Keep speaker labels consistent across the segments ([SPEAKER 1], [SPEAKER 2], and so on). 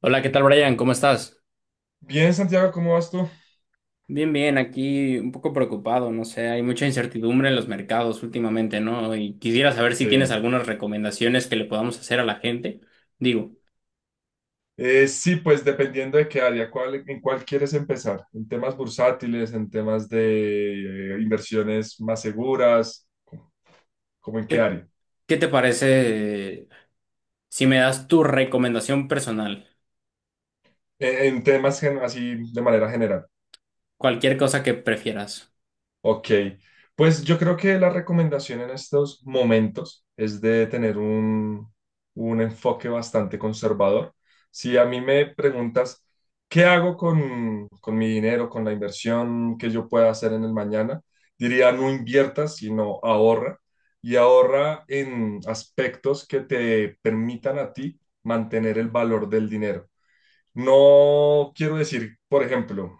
[SPEAKER 1] Hola, ¿qué tal, Brian? ¿Cómo estás?
[SPEAKER 2] Bien, Santiago, ¿cómo vas tú?
[SPEAKER 1] Bien, bien, aquí un poco preocupado, no sé, hay mucha incertidumbre en los mercados últimamente, ¿no? Y quisiera saber si tienes
[SPEAKER 2] Sí.
[SPEAKER 1] algunas recomendaciones que le podamos hacer a la gente. Digo,
[SPEAKER 2] Sí, pues dependiendo de qué área, cuál, en cuál quieres empezar, en temas bursátiles, en temas de inversiones más seguras, como en qué
[SPEAKER 1] ¿qué,
[SPEAKER 2] área.
[SPEAKER 1] qué te parece si me das tu recomendación personal?
[SPEAKER 2] Así de manera general.
[SPEAKER 1] Cualquier cosa que prefieras.
[SPEAKER 2] Ok, pues yo creo que la recomendación en estos momentos es de tener un enfoque bastante conservador. Si a mí me preguntas, ¿qué hago con mi dinero, con la inversión que yo pueda hacer en el mañana? Diría, no inviertas, sino ahorra. Y ahorra en aspectos que te permitan a ti mantener el valor del dinero. No quiero decir, por ejemplo,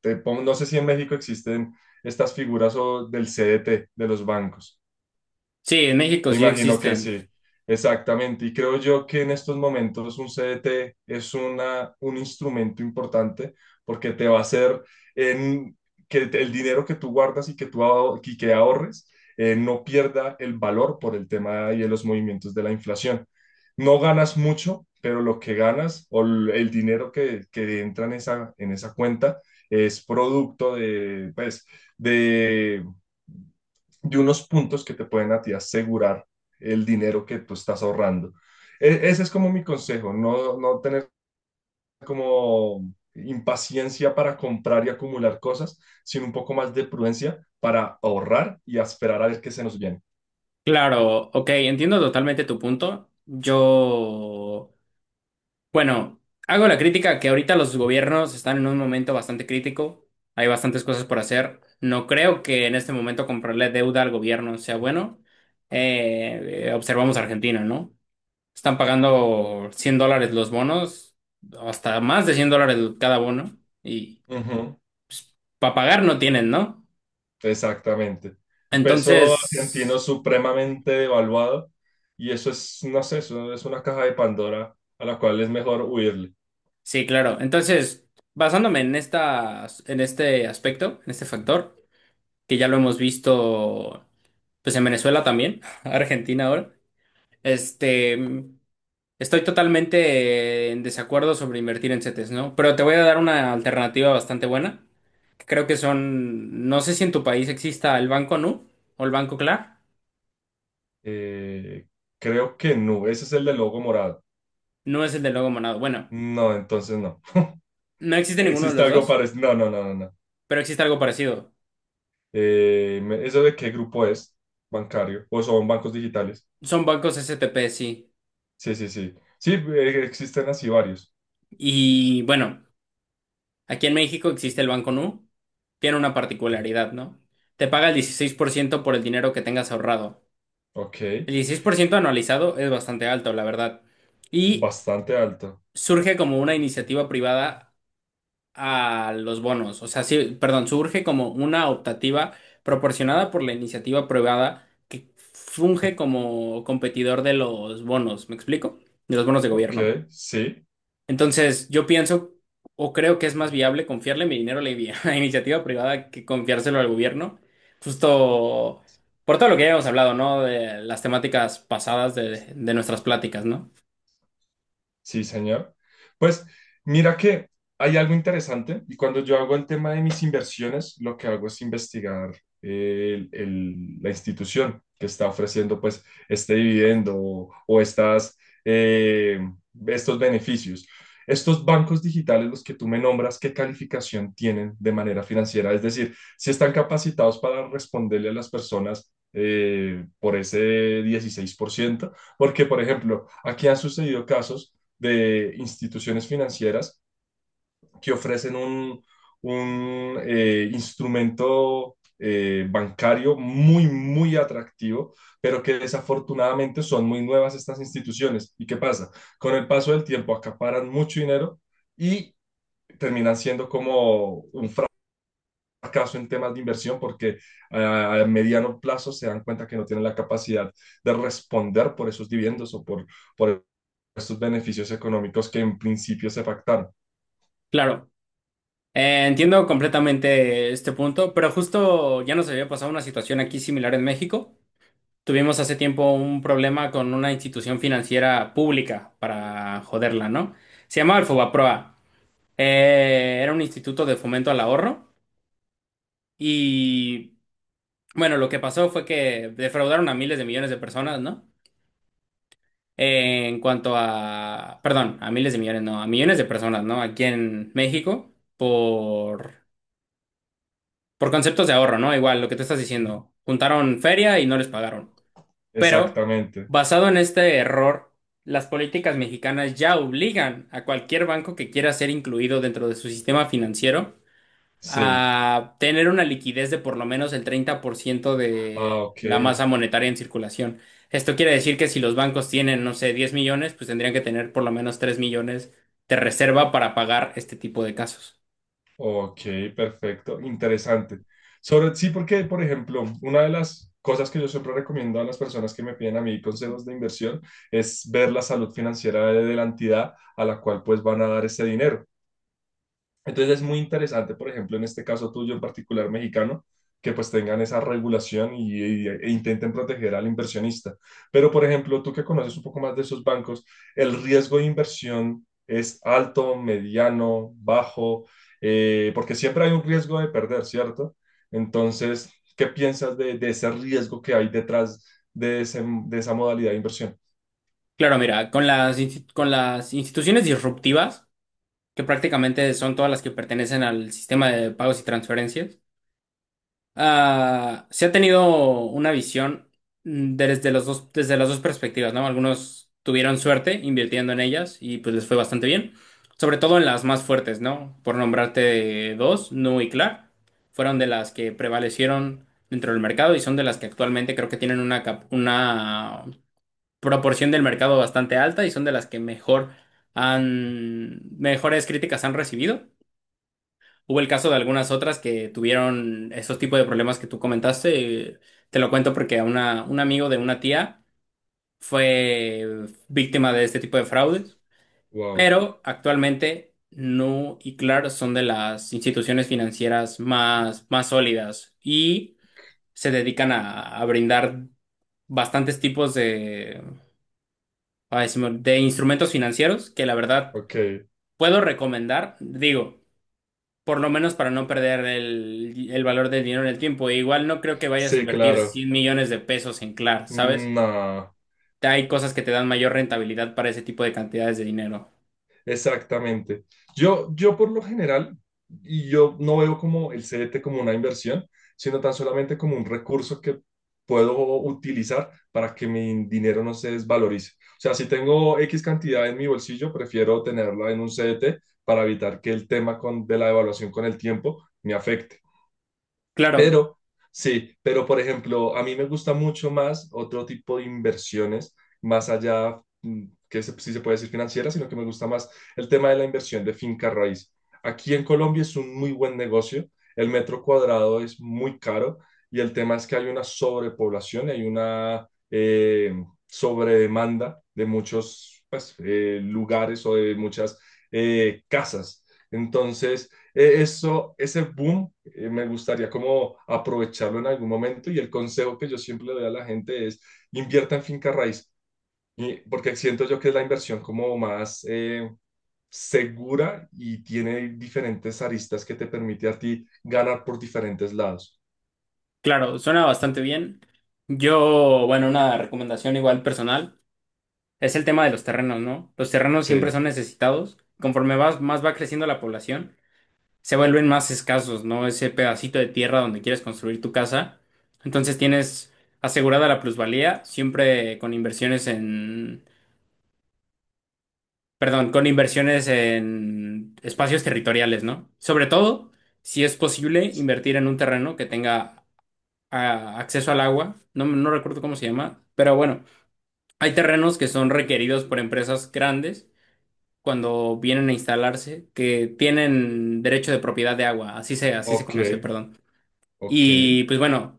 [SPEAKER 2] no sé si en México existen estas figuras o del CDT, de los bancos.
[SPEAKER 1] Sí, en México
[SPEAKER 2] Me
[SPEAKER 1] sí
[SPEAKER 2] imagino que
[SPEAKER 1] existen.
[SPEAKER 2] sí, exactamente. Y creo yo que en estos momentos un CDT es un instrumento importante porque te va a en, el dinero que tú guardas y que tú aho- y que ahorres no pierda el valor por el tema y de los movimientos de la inflación. No ganas mucho, pero lo que ganas el dinero que entra en en esa cuenta es producto de, pues, de de unos puntos que te pueden a ti asegurar el dinero que tú estás ahorrando. Ese es como mi consejo, no, no tener como impaciencia para comprar y acumular cosas, sino un poco más de prudencia para ahorrar y a esperar a ver qué se nos viene.
[SPEAKER 1] Claro, ok, entiendo totalmente tu punto. Yo Bueno, hago la crítica que ahorita los gobiernos están en un momento bastante crítico, hay bastantes cosas por hacer. No creo que en este momento comprarle deuda al gobierno sea bueno. Observamos Argentina, ¿no? Están pagando 100 dólares los bonos, hasta más de 100 dólares cada bono, y
[SPEAKER 2] Ujú,
[SPEAKER 1] para pagar no tienen, ¿no?
[SPEAKER 2] exactamente. El peso argentino
[SPEAKER 1] Entonces,
[SPEAKER 2] supremamente devaluado, y eso es, no sé, eso es una caja de Pandora a la cual es mejor huirle.
[SPEAKER 1] sí, claro. Entonces, basándome en en este aspecto, en este factor, que ya lo hemos visto. Pues en Venezuela también, Argentina ahora, este, estoy totalmente en desacuerdo sobre invertir en CETES, ¿no? Pero te voy a dar una alternativa bastante buena. Que Creo que son, no sé si en tu país exista el Banco Nu o el Banco Clar,
[SPEAKER 2] Eh, Creo que no, ese es el del logo morado.
[SPEAKER 1] no es el de Logo Monado. Bueno,
[SPEAKER 2] No, entonces no.
[SPEAKER 1] no existe ninguno de
[SPEAKER 2] ¿Existe
[SPEAKER 1] los
[SPEAKER 2] algo
[SPEAKER 1] dos,
[SPEAKER 2] parecido? No, no, no, no, no.
[SPEAKER 1] pero existe algo parecido.
[SPEAKER 2] ¿Eso de qué grupo es? Bancario. ¿O son bancos digitales?
[SPEAKER 1] Son bancos STP, sí.
[SPEAKER 2] Sí, sí, sí. Sí, existen así varios.
[SPEAKER 1] Y bueno, aquí en México existe el Banco Nu, tiene una particularidad, ¿no? Te paga el 16% por el dinero que tengas ahorrado.
[SPEAKER 2] Ok.
[SPEAKER 1] El 16% anualizado es bastante alto, la verdad. Y
[SPEAKER 2] Bastante alto.
[SPEAKER 1] surge como una iniciativa privada a los bonos. O sea, sí, perdón, surge como una optativa proporcionada por la iniciativa privada que funge como competidor de los bonos. ¿Me explico? De los bonos de gobierno.
[SPEAKER 2] Ok, sí.
[SPEAKER 1] Entonces, yo pienso o creo que es más viable confiarle mi dinero a a la iniciativa privada que confiárselo al gobierno, justo por todo lo que ya hemos hablado, ¿no? De las temáticas pasadas de nuestras pláticas, ¿no?
[SPEAKER 2] Sí, señor. Pues mira que hay algo interesante, y cuando yo hago el tema de mis inversiones, lo que hago es investigar la institución que está ofreciendo pues este dividendo o estas, eh, estos beneficios. Estos bancos digitales, los que tú me nombras, ¿qué calificación tienen de manera financiera? Es decir, si están capacitados para responderle a las personas por ese 16%, porque por ejemplo, aquí han sucedido casos de instituciones financieras que ofrecen un instrumento bancario muy, muy atractivo, pero que desafortunadamente son muy nuevas estas instituciones. ¿Y qué pasa? Con el paso del tiempo acaparan mucho dinero y terminan siendo como un fracaso en temas de inversión, porque a mediano plazo se dan cuenta que no tienen la capacidad de responder por esos dividendos por estos beneficios económicos que en principio se pactaron.
[SPEAKER 1] Claro, entiendo completamente este punto, pero justo ya nos había pasado una situación aquí similar en México. Tuvimos hace tiempo un problema con una institución financiera pública para joderla, ¿no? Se llamaba el Fobaproa. Era un instituto de fomento al ahorro. Y bueno, lo que pasó fue que defraudaron a miles de millones de personas, ¿no? En cuanto a, perdón, a miles de millones, no, a millones de personas, ¿no? Aquí en México por conceptos de ahorro, ¿no? Igual lo que tú estás diciendo, juntaron feria y no les pagaron. Pero
[SPEAKER 2] Exactamente,
[SPEAKER 1] basado en este error, las políticas mexicanas ya obligan a cualquier banco que quiera ser incluido dentro de su sistema financiero
[SPEAKER 2] sí.
[SPEAKER 1] a tener una liquidez de por lo menos el 30%
[SPEAKER 2] Ah,
[SPEAKER 1] de
[SPEAKER 2] ok,
[SPEAKER 1] la masa monetaria en circulación. Esto quiere decir que si los bancos tienen, no sé, 10 millones, pues tendrían que tener por lo menos 3 millones de reserva para pagar este tipo de casos.
[SPEAKER 2] ok, perfecto, interesante. Sobre, sí, porque, por ejemplo, una de las cosas que yo siempre recomiendo a las personas que me piden a mí consejos de inversión es ver la salud financiera de la entidad a la cual pues van a dar ese dinero. Entonces es muy interesante, por ejemplo, en este caso tuyo en particular mexicano, que pues tengan esa regulación e intenten proteger al inversionista. Pero, por ejemplo, tú que conoces un poco más de esos bancos, el riesgo de inversión es alto, mediano, bajo, porque siempre hay un riesgo de perder, ¿cierto? Entonces, ¿qué piensas de ese riesgo que hay detrás de, de esa modalidad de inversión?
[SPEAKER 1] Claro, mira, con con las instituciones disruptivas, que prácticamente son todas las que pertenecen al sistema de pagos y transferencias, ah, se ha tenido una visión desde las dos perspectivas, ¿no? Algunos tuvieron suerte invirtiendo en ellas y pues les fue bastante bien, sobre todo en las más fuertes, ¿no? Por nombrarte dos, Nu y Clark, fueron de las que prevalecieron dentro del mercado y son de las que actualmente creo que tienen una proporción del mercado bastante alta y son de las que mejor mejores críticas han recibido. Hubo el caso de algunas otras que tuvieron esos tipos de problemas que tú comentaste. Te lo cuento porque a un amigo de una tía fue víctima de este tipo de fraudes,
[SPEAKER 2] Wow,
[SPEAKER 1] pero actualmente Nu y Clark son de las instituciones financieras más sólidas y se dedican a brindar bastantes tipos de, ay, se me- de instrumentos financieros que la verdad
[SPEAKER 2] ok,
[SPEAKER 1] puedo recomendar. Digo, por lo menos para no perder el valor del dinero en el tiempo. E igual no creo que vayas a
[SPEAKER 2] sí,
[SPEAKER 1] invertir
[SPEAKER 2] claro.
[SPEAKER 1] 100 millones de pesos en Clar, ¿sabes?
[SPEAKER 2] No.
[SPEAKER 1] Hay cosas que te dan mayor rentabilidad para ese tipo de cantidades de dinero.
[SPEAKER 2] Exactamente. Yo por lo general, y yo no veo como el CDT como una inversión, sino tan solamente como un recurso que puedo utilizar para que mi dinero no se desvalorice. O sea, si tengo X cantidad en mi bolsillo, prefiero tenerla en un CDT para evitar que el tema de la devaluación con el tiempo me afecte.
[SPEAKER 1] Claro,
[SPEAKER 2] Pero, sí, pero por ejemplo, a mí me gusta mucho más otro tipo de inversiones, más allá, sí se puede decir financiera, sino que me gusta más el tema de la inversión de finca raíz. Aquí en Colombia es un muy buen negocio, el metro cuadrado es muy caro, y el tema es que hay una sobrepoblación, hay una eh, sobredemanda de muchos pues, lugares o de muchas casas. Entonces, ese boom, me gustaría como aprovecharlo en algún momento, y el consejo que yo siempre le doy a la gente es invierta en finca raíz, porque siento yo que es la inversión como más segura, y tiene diferentes aristas que te permite a ti ganar por diferentes lados.
[SPEAKER 1] claro, suena bastante bien. Bueno, una recomendación igual personal es el tema de los terrenos, ¿no? Los terrenos siempre
[SPEAKER 2] Sí,
[SPEAKER 1] son necesitados. Conforme vas, más va creciendo la población, se vuelven más escasos, ¿no? Ese pedacito de tierra donde quieres construir tu casa. Entonces tienes asegurada la plusvalía, siempre con inversiones en, perdón, con inversiones en espacios territoriales, ¿no? Sobre todo, si es posible, invertir en un terreno que tenga acceso al agua. No, no recuerdo cómo se llama, pero bueno, hay terrenos que son requeridos por empresas grandes, cuando vienen a instalarse, que tienen derecho de propiedad de agua, así se
[SPEAKER 2] ok,
[SPEAKER 1] conoce, perdón.
[SPEAKER 2] ok.
[SPEAKER 1] Y pues bueno,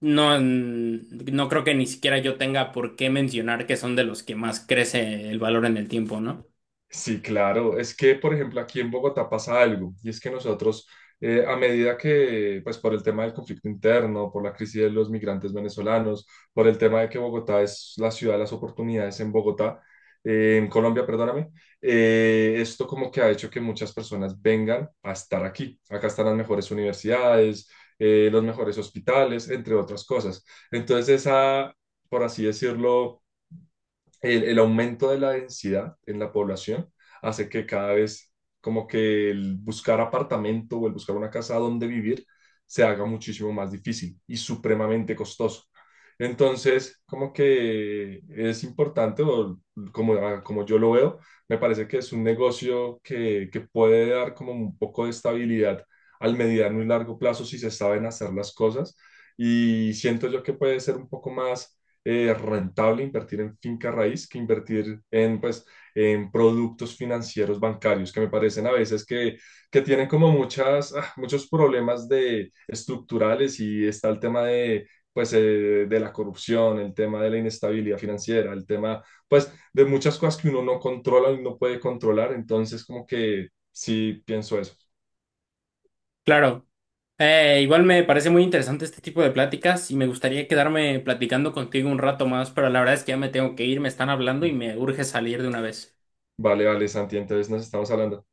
[SPEAKER 1] no, no creo que ni siquiera yo tenga por qué mencionar que son de los que más crece el valor en el tiempo, ¿no?
[SPEAKER 2] Sí, claro. Es que, por ejemplo, aquí en Bogotá pasa algo, y es que nosotros, a medida que, pues por el tema del conflicto interno, por la crisis de los migrantes venezolanos, por el tema de que Bogotá es la ciudad de las oportunidades en Bogotá, en Colombia, perdóname, esto como que ha hecho que muchas personas vengan a estar aquí. Acá están las mejores universidades, los mejores hospitales, entre otras cosas. Entonces, esa, por así decirlo, el aumento de la densidad en la población hace que cada vez como que el buscar apartamento o el buscar una casa donde vivir se haga muchísimo más difícil y supremamente costoso. Entonces, como que es importante, o como, ah, como yo lo veo, me parece que es un negocio que puede dar como un poco de estabilidad al mediano y largo plazo si se saben hacer las cosas. Y siento yo que puede ser un poco más rentable invertir en finca raíz que invertir en, pues, en productos financieros bancarios, que me parecen a veces que tienen como muchas, ah, muchos problemas de, estructurales, y está el tema de, pues, de la corrupción, el tema de la inestabilidad financiera, el tema pues, de muchas cosas que uno no controla y no puede controlar. Entonces, como que sí pienso eso.
[SPEAKER 1] Claro. Igual me parece muy interesante este tipo de pláticas y me gustaría quedarme platicando contigo un rato más, pero la verdad es que ya me tengo que ir, me están hablando y me urge salir de una vez.
[SPEAKER 2] Vale, vale, Santi, entonces nos estamos hablando.